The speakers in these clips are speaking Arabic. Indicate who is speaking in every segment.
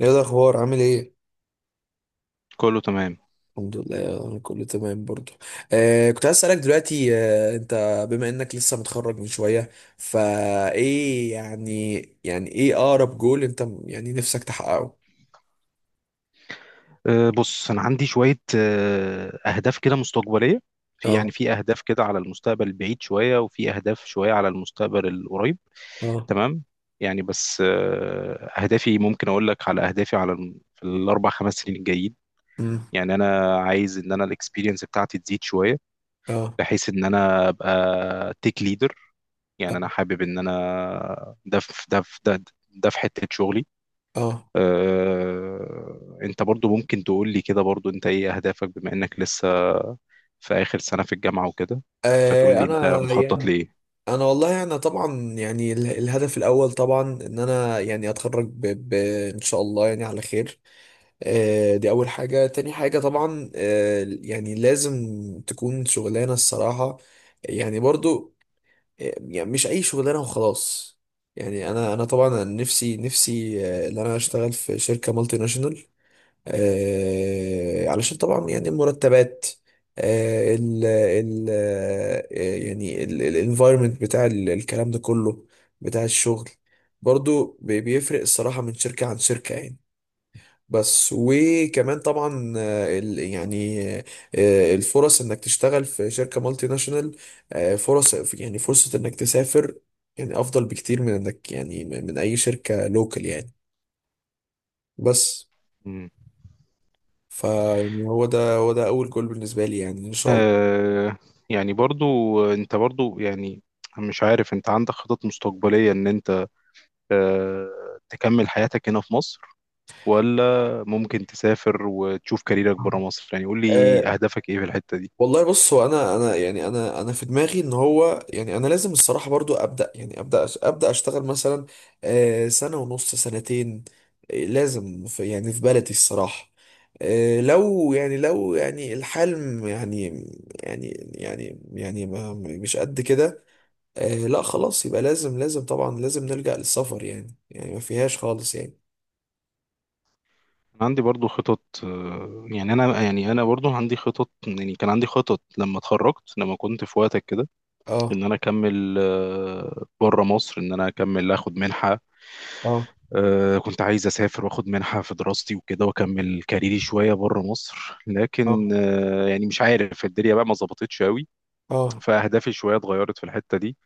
Speaker 1: ايه الاخبار؟ عامل ايه؟
Speaker 2: كله تمام.
Speaker 1: الحمد لله، انا كله تمام برضو. كنت عايز اسالك دلوقتي، انت بما انك لسه متخرج من شويه، فايه يعني؟ يعني ايه اقرب جول انت يعني نفسك تحققه؟
Speaker 2: بص انا عندي شويه اهداف كده مستقبليه. في
Speaker 1: اه،
Speaker 2: في اهداف كده على المستقبل البعيد شويه، وفي اهداف شويه على المستقبل القريب.
Speaker 1: اه،
Speaker 2: تمام. يعني بس اهدافي ممكن اقول لك على اهدافي على في 4 5 سنين الجايين.
Speaker 1: امم
Speaker 2: يعني انا عايز ان انا الاكسبيرينس بتاعتي تزيد شويه،
Speaker 1: اه،
Speaker 2: بحيث ان انا ابقى تيك ليدر. يعني
Speaker 1: اه،
Speaker 2: انا حابب ان انا ده ده في حته شغلي.
Speaker 1: اه.
Speaker 2: انت برضو ممكن تقول لي كده، برضو انت ايه اهدافك بما انك لسه في اخر سنة في الجامعة وكده؟ فتقول لي انت
Speaker 1: انا
Speaker 2: مخطط
Speaker 1: يعني،
Speaker 2: لايه.
Speaker 1: انا والله انا طبعا، يعني الهدف الاول طبعا ان انا يعني اتخرج ب... ان شاء الله يعني على خير. دي أول حاجة. تاني حاجة طبعا، يعني لازم تكون شغلانة الصراحة، يعني برضو، يعني مش أي شغلانة وخلاص. يعني أنا طبعا نفسي نفسي، إن أنا أشتغل في شركة مالتي ناشونال، علشان طبعا يعني المرتبات، ال يعني الانفايرمنت بتاع الكلام ده كله، بتاع الشغل، برضو بيفرق الصراحة من شركة عن شركة يعني. بس وكمان طبعا، يعني، الفرص انك تشتغل في شركة مالتي ناشونال، فرص، يعني فرصة انك تسافر، يعني افضل بكتير من انك يعني من اي شركة لوكال يعني، بس.
Speaker 2: مم.
Speaker 1: فيعني هو ده اول جول بالنسبة لي، يعني ان شاء الله.
Speaker 2: آه، يعني برضو انت برضو يعني مش عارف، انت عندك خطط مستقبلية ان انت تكمل حياتك هنا في مصر، ولا ممكن تسافر وتشوف كاريرك برا مصر؟ يعني قول
Speaker 1: آه.
Speaker 2: لي اهدافك ايه في الحتة دي.
Speaker 1: والله بص، هو انا يعني انا في دماغي ان هو، يعني انا لازم الصراحه برضو ابدا، يعني ابدا ابدا اشتغل مثلا سنه ونص، سنتين، لازم في، يعني في بلدي الصراحه. لو يعني لو يعني الحلم يعني، يعني، يعني ما مش قد كده، لا خلاص يبقى لازم لازم طبعا لازم نلجأ للسفر يعني، يعني ما فيهاش خالص يعني.
Speaker 2: أنا عندي برضو خطط، يعني انا يعني انا برضو عندي خطط. يعني كان عندي خطط لما اتخرجت، لما كنت في وقتك كده، ان
Speaker 1: اه،
Speaker 2: انا اكمل بره مصر، ان انا اكمل اخد منحة.
Speaker 1: اه،
Speaker 2: كنت عايز اسافر واخد منحة في دراستي وكده، واكمل كاريري شوية بره مصر، لكن
Speaker 1: اه،
Speaker 2: يعني مش عارف الدنيا بقى ما ظبطتش قوي.
Speaker 1: اه،
Speaker 2: فاهدافي شوية اتغيرت في الحتة دي.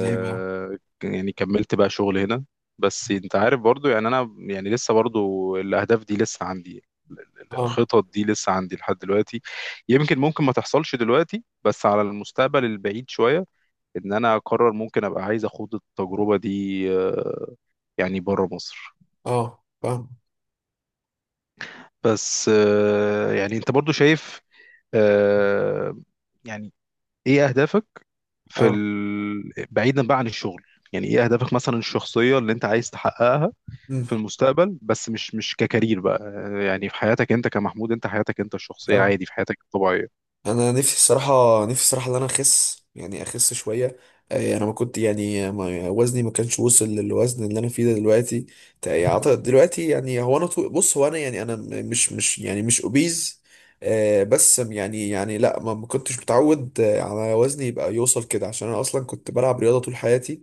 Speaker 1: زي ما،
Speaker 2: يعني كملت بقى شغل هنا. بس انت عارف برضو، يعني انا يعني لسه برضو الاهداف دي لسه عندي.
Speaker 1: اه،
Speaker 2: الخطط دي لسه عندي لحد دلوقتي. يمكن ممكن ما تحصلش دلوقتي، بس على المستقبل البعيد شوية ان انا اقرر، ممكن ابقى عايز اخوض التجربة دي، آه، يعني بره مصر.
Speaker 1: اه فاهم،
Speaker 2: بس يعني انت برضو شايف آه، يعني ايه اهدافك في
Speaker 1: اه،
Speaker 2: بعيدا بقى عن الشغل؟ يعني ايه اهدافك مثلا الشخصية اللي انت عايز تحققها
Speaker 1: مم،
Speaker 2: في المستقبل، بس مش ككارير بقى. يعني في حياتك انت، كمحمود، انت حياتك انت الشخصيه
Speaker 1: اه.
Speaker 2: عادي، في حياتك الطبيعيه.
Speaker 1: انا نفسي الصراحه نفسي الصراحه ان انا اخس، يعني اخس شويه. انا ما كنت يعني، ما وزني ما كانش وصل للوزن اللي انا فيه ده دلوقتي. أعتقد دلوقتي يعني، هو انا بص هو انا يعني انا مش يعني مش اوبيز، بس يعني يعني لا ما كنتش متعود، على وزني يبقى يوصل كده، عشان انا اصلا كنت بلعب رياضه طول حياتي،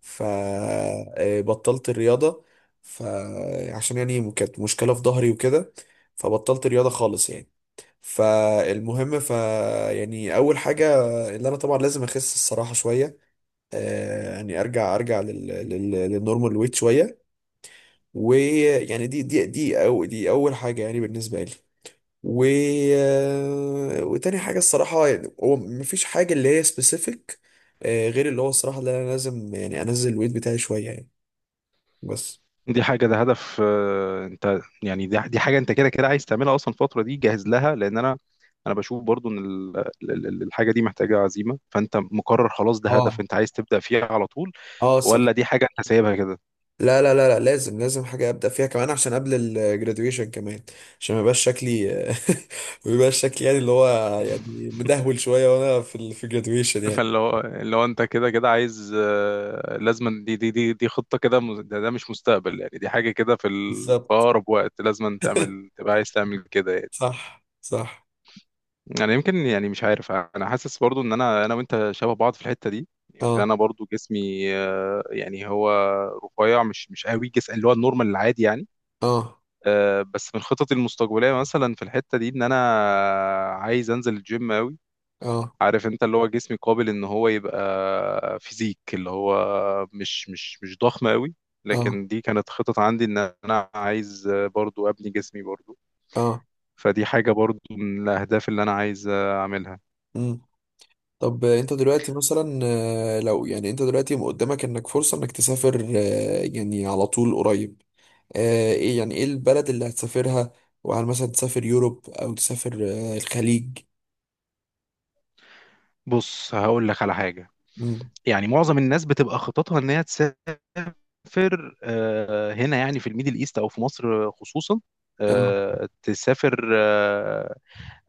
Speaker 1: فبطلت الرياضه، فعشان يعني كانت مشكله في ظهري وكده، فبطلت رياضه خالص يعني. فالمهم، ف، يعني اول حاجه اللي انا طبعا لازم اخس الصراحه شويه. آه، يعني ارجع للنورمال ويت شويه. ويعني دي اول حاجه يعني بالنسبه لي، و، وتاني حاجه الصراحه يعني، هو مفيش حاجه اللي هي سبيسيفيك، غير اللي هو الصراحه اللي انا لازم، يعني انزل الويت بتاعي شويه يعني، بس.
Speaker 2: دي حاجه، ده هدف انت يعني دي حاجه انت كده كده عايز تعملها اصلا الفتره دي، جاهز لها، لان انا بشوف برضو ان الحاجه دي محتاجه عزيمه. فانت مقرر خلاص ده هدف
Speaker 1: اه،
Speaker 2: انت عايز تبدا فيه على طول،
Speaker 1: اه،
Speaker 2: ولا دي حاجه انت سايبها
Speaker 1: لا لا لا لا، لازم لازم حاجة أبدأ فيها كمان، عشان قبل الجراديويشن كمان، عشان ما يبقاش شكلي ما يبقاش شكلي يعني اللي هو، يعني
Speaker 2: كده؟
Speaker 1: مدهول شوية وأنا في في الجراديويشن يعني.
Speaker 2: فاللي هو، اللي هو انت كده كده عايز لازما دي خطة كده ده مش مستقبل، يعني دي حاجة كده في في
Speaker 1: بالظبط.
Speaker 2: أقرب وقت لازما تعمل، تبقى عايز تعمل كده يعني.
Speaker 1: صح، صح.
Speaker 2: أنا يمكن يعني مش عارف، أنا حاسس برضو إن أنا وأنت شبه بعض في الحتة دي. يمكن
Speaker 1: اه،
Speaker 2: أنا برضو جسمي يعني هو رفيع، مش قوي جسم اللي هو النورمال العادي يعني.
Speaker 1: اه،
Speaker 2: بس من خططي المستقبلية مثلا في الحتة دي إن أنا عايز أنزل الجيم قوي.
Speaker 1: اه،
Speaker 2: عارف انت اللي هو جسمي قابل ان هو يبقى فيزيك، اللي هو مش ضخم قوي،
Speaker 1: اه،
Speaker 2: لكن دي كانت خطط عندي ان انا عايز برضو ابني جسمي برضو.
Speaker 1: اه،
Speaker 2: فدي حاجة برضو من الاهداف اللي انا عايز اعملها.
Speaker 1: مم. طب انت دلوقتي مثلا، لو يعني انت دلوقتي قدامك انك فرصة انك تسافر، يعني على طول قريب، ايه يعني ايه البلد اللي هتسافرها؟ وهل مثلا تسافر يوروب او تسافر الخليج؟
Speaker 2: بص هقول لك على حاجة.
Speaker 1: مم.
Speaker 2: يعني معظم الناس بتبقى خططها ان هي تسافر هنا يعني في الميدل ايست او في مصر خصوصا.
Speaker 1: اه،
Speaker 2: آه، تسافر آه،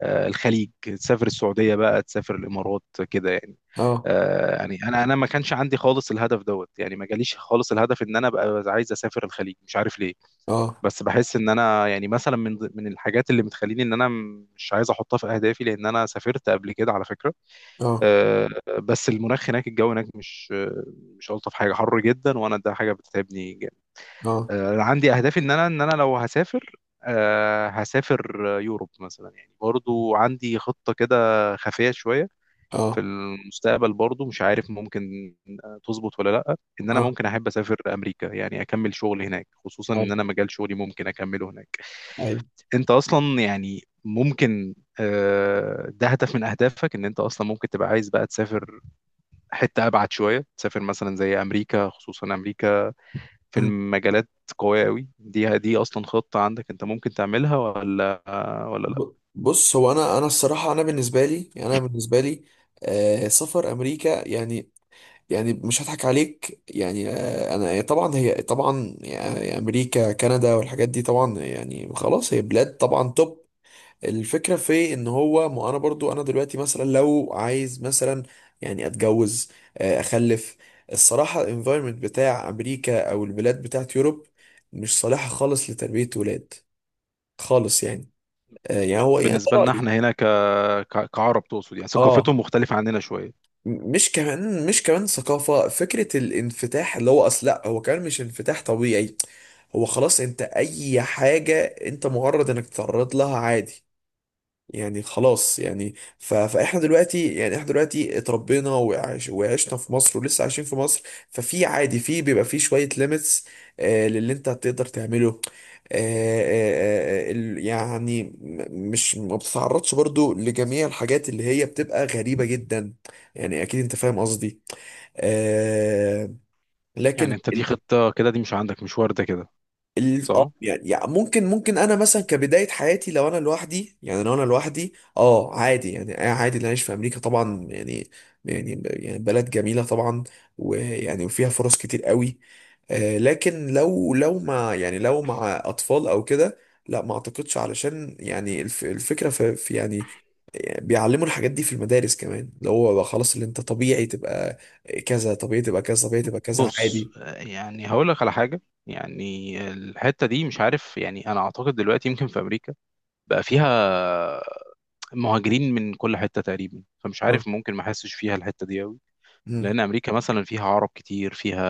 Speaker 2: آه، الخليج، تسافر السعودية بقى، تسافر الإمارات كده يعني.
Speaker 1: اه،
Speaker 2: يعني أنا ما كانش عندي خالص الهدف دوت، يعني ما جاليش خالص الهدف إن أنا أبقى عايز أسافر الخليج، مش عارف ليه.
Speaker 1: اه،
Speaker 2: بس بحس إن أنا يعني مثلا من الحاجات اللي بتخليني إن أنا مش عايز أحطها في أهدافي، لأن أنا سافرت قبل كده على فكرة.
Speaker 1: اه،
Speaker 2: آه، بس المناخ هناك، الجو هناك مش مش ألطف حاجة، حر جدا وأنا ده حاجة بتتعبني.
Speaker 1: اه،
Speaker 2: عندي اهدافي ان ان انا لو هسافر، هسافر يوروب مثلا. يعني برضو عندي خطة كده خفية شوية في
Speaker 1: اه،
Speaker 2: المستقبل برضو، مش عارف ممكن تظبط ولا لا، ان انا
Speaker 1: اه،
Speaker 2: ممكن احب اسافر امريكا، يعني اكمل شغل هناك، خصوصا ان انا
Speaker 1: ايوه،
Speaker 2: مجال شغلي ممكن اكمله هناك.
Speaker 1: ايوه.
Speaker 2: انت اصلا يعني ممكن ده هدف من اهدافك ان انت اصلا ممكن تبقى عايز بقى تسافر حتة ابعد شوية، تسافر مثلا زي امريكا، خصوصا امريكا في
Speaker 1: أمم.
Speaker 2: المجالات قوية قوي؟ دي أصلا خطة عندك أنت ممكن تعملها، ولا ولا لأ؟
Speaker 1: بص، هو انا الصراحه، انا بالنسبه لي، انا بالنسبه لي، آه سفر امريكا يعني، يعني مش هضحك عليك يعني، آه انا طبعا، هي طبعا يعني امريكا كندا والحاجات دي طبعا، يعني خلاص هي بلاد طبعا توب. الفكرة في ان هو، ما انا برضو انا دلوقتي مثلا لو عايز مثلا يعني اتجوز، اخلف، الصراحة الانفايرمنت بتاع امريكا او البلاد بتاعت يوروب مش صالحة خالص لتربية ولاد خالص يعني. يعني هو يعني ده
Speaker 2: بالنسبة لنا
Speaker 1: رأيي.
Speaker 2: احنا هنا كعرب تقصد، يعني
Speaker 1: اه،
Speaker 2: ثقافتهم مختلفة عننا شوية.
Speaker 1: مش كمان، مش كمان ثقافة، فكرة الانفتاح اللي هو اصل، لا هو كمان مش انفتاح طبيعي، هو خلاص انت اي حاجة انت مجرد انك تتعرض لها عادي يعني خلاص يعني فاحنا دلوقتي يعني احنا دلوقتي اتربينا وعشنا في مصر، ولسه عايشين في مصر. ففي عادي، في بيبقى في شوية ليميتس، آه للي انت هتقدر تعمله. يعني، مش، ما بتتعرضش برضو لجميع الحاجات اللي هي بتبقى غريبة جدا يعني، اكيد انت فاهم قصدي. آه.
Speaker 2: يعني
Speaker 1: لكن،
Speaker 2: أنت دي خطة كده دي مش عندك، مش واردة كده؟
Speaker 1: اه
Speaker 2: صح؟
Speaker 1: يعني يعني، ممكن ممكن انا مثلا كبدايه حياتي لو انا لوحدي، يعني لو انا لوحدي، اه عادي يعني، آه عادي اللي اعيش في امريكا طبعا يعني، يعني، يعني بلد جميله طبعا، ويعني وفيها فرص كتير قوي. آه لكن لو، مع يعني لو مع اطفال او كده، لا ما اعتقدش، علشان يعني الف الفكره في يعني بيعلموا الحاجات دي في المدارس كمان، اللي هو بقى خلاص اللي انت طبيعي تبقى كذا، طبيعي تبقى كذا، طبيعي تبقى كذا
Speaker 2: بص،
Speaker 1: عادي.
Speaker 2: يعني هقول لك على حاجة. يعني الحتة دي مش عارف، يعني أنا أعتقد دلوقتي يمكن في أمريكا بقى فيها مهاجرين من كل حتة تقريبا، فمش
Speaker 1: اه،
Speaker 2: عارف ممكن ما أحسش فيها الحتة دي أوي.
Speaker 1: مم.
Speaker 2: لان امريكا مثلا فيها عرب كتير، فيها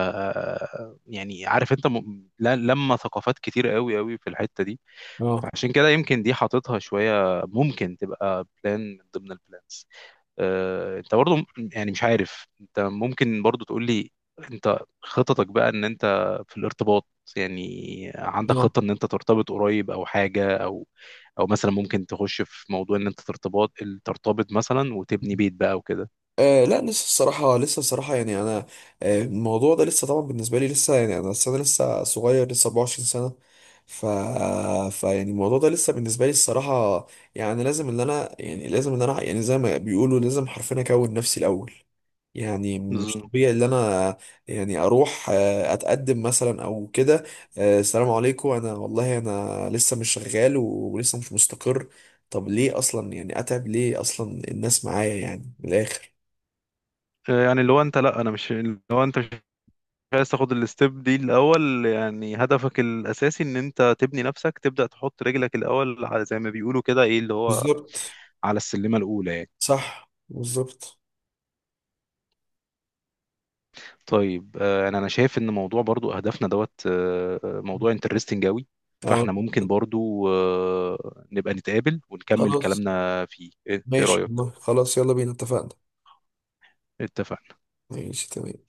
Speaker 2: يعني عارف انت لما ثقافات كتير قوي في الحته دي.
Speaker 1: اه،
Speaker 2: فعشان كده يمكن دي حاططها شويه، ممكن تبقى بلان من ضمن البلانز. انت برضو يعني مش عارف انت ممكن برضو تقول لي انت خططك بقى ان انت في الارتباط. يعني عندك
Speaker 1: اه،
Speaker 2: خطه ان انت ترتبط قريب او حاجه، او او مثلا ممكن تخش في موضوع ان انت ترتبط، ترتبط مثلا وتبني بيت بقى وكده؟
Speaker 1: آه لا، لسه الصراحة، لسه الصراحة يعني أنا، آه الموضوع ده لسه طبعا بالنسبة لي، لسه يعني أنا أصل أنا لسه صغير، لسه 24 سنة. ف، فيعني الموضوع ده لسه بالنسبة لي الصراحة، يعني لازم إن أنا، يعني لازم إن أنا، يعني زي ما بيقولوا لازم حرفيا أكون نفسي الأول. يعني مش طبيعي ان انا يعني اروح اتقدم مثلا او كده، آه السلام عليكم، انا والله انا لسه مش شغال ولسه مش مستقر. طب ليه اصلا يعني اتعب ليه اصلا الناس معايا يعني، من الاخر.
Speaker 2: يعني اللي هو انت، لا انا مش، اللي هو انت مش عايز تاخد الستيب دي الاول. يعني هدفك الاساسي ان انت تبني نفسك، تبدا تحط رجلك الاول على، زي ما بيقولوا كده، ايه اللي هو،
Speaker 1: بالظبط.
Speaker 2: على السلمه الاولى يعني.
Speaker 1: صح، بالظبط.
Speaker 2: طيب انا شايف ان موضوع برضو اهدافنا دوت موضوع انترستنج قوي.
Speaker 1: اه
Speaker 2: فاحنا ممكن
Speaker 1: كده،
Speaker 2: برضو نبقى نتقابل ونكمل
Speaker 1: خلاص،
Speaker 2: كلامنا فيه. إيه
Speaker 1: ماشي
Speaker 2: رايك؟
Speaker 1: والله، خلاص يلا بينا اتفقنا.
Speaker 2: اتفقنا.
Speaker 1: ماشي تمام.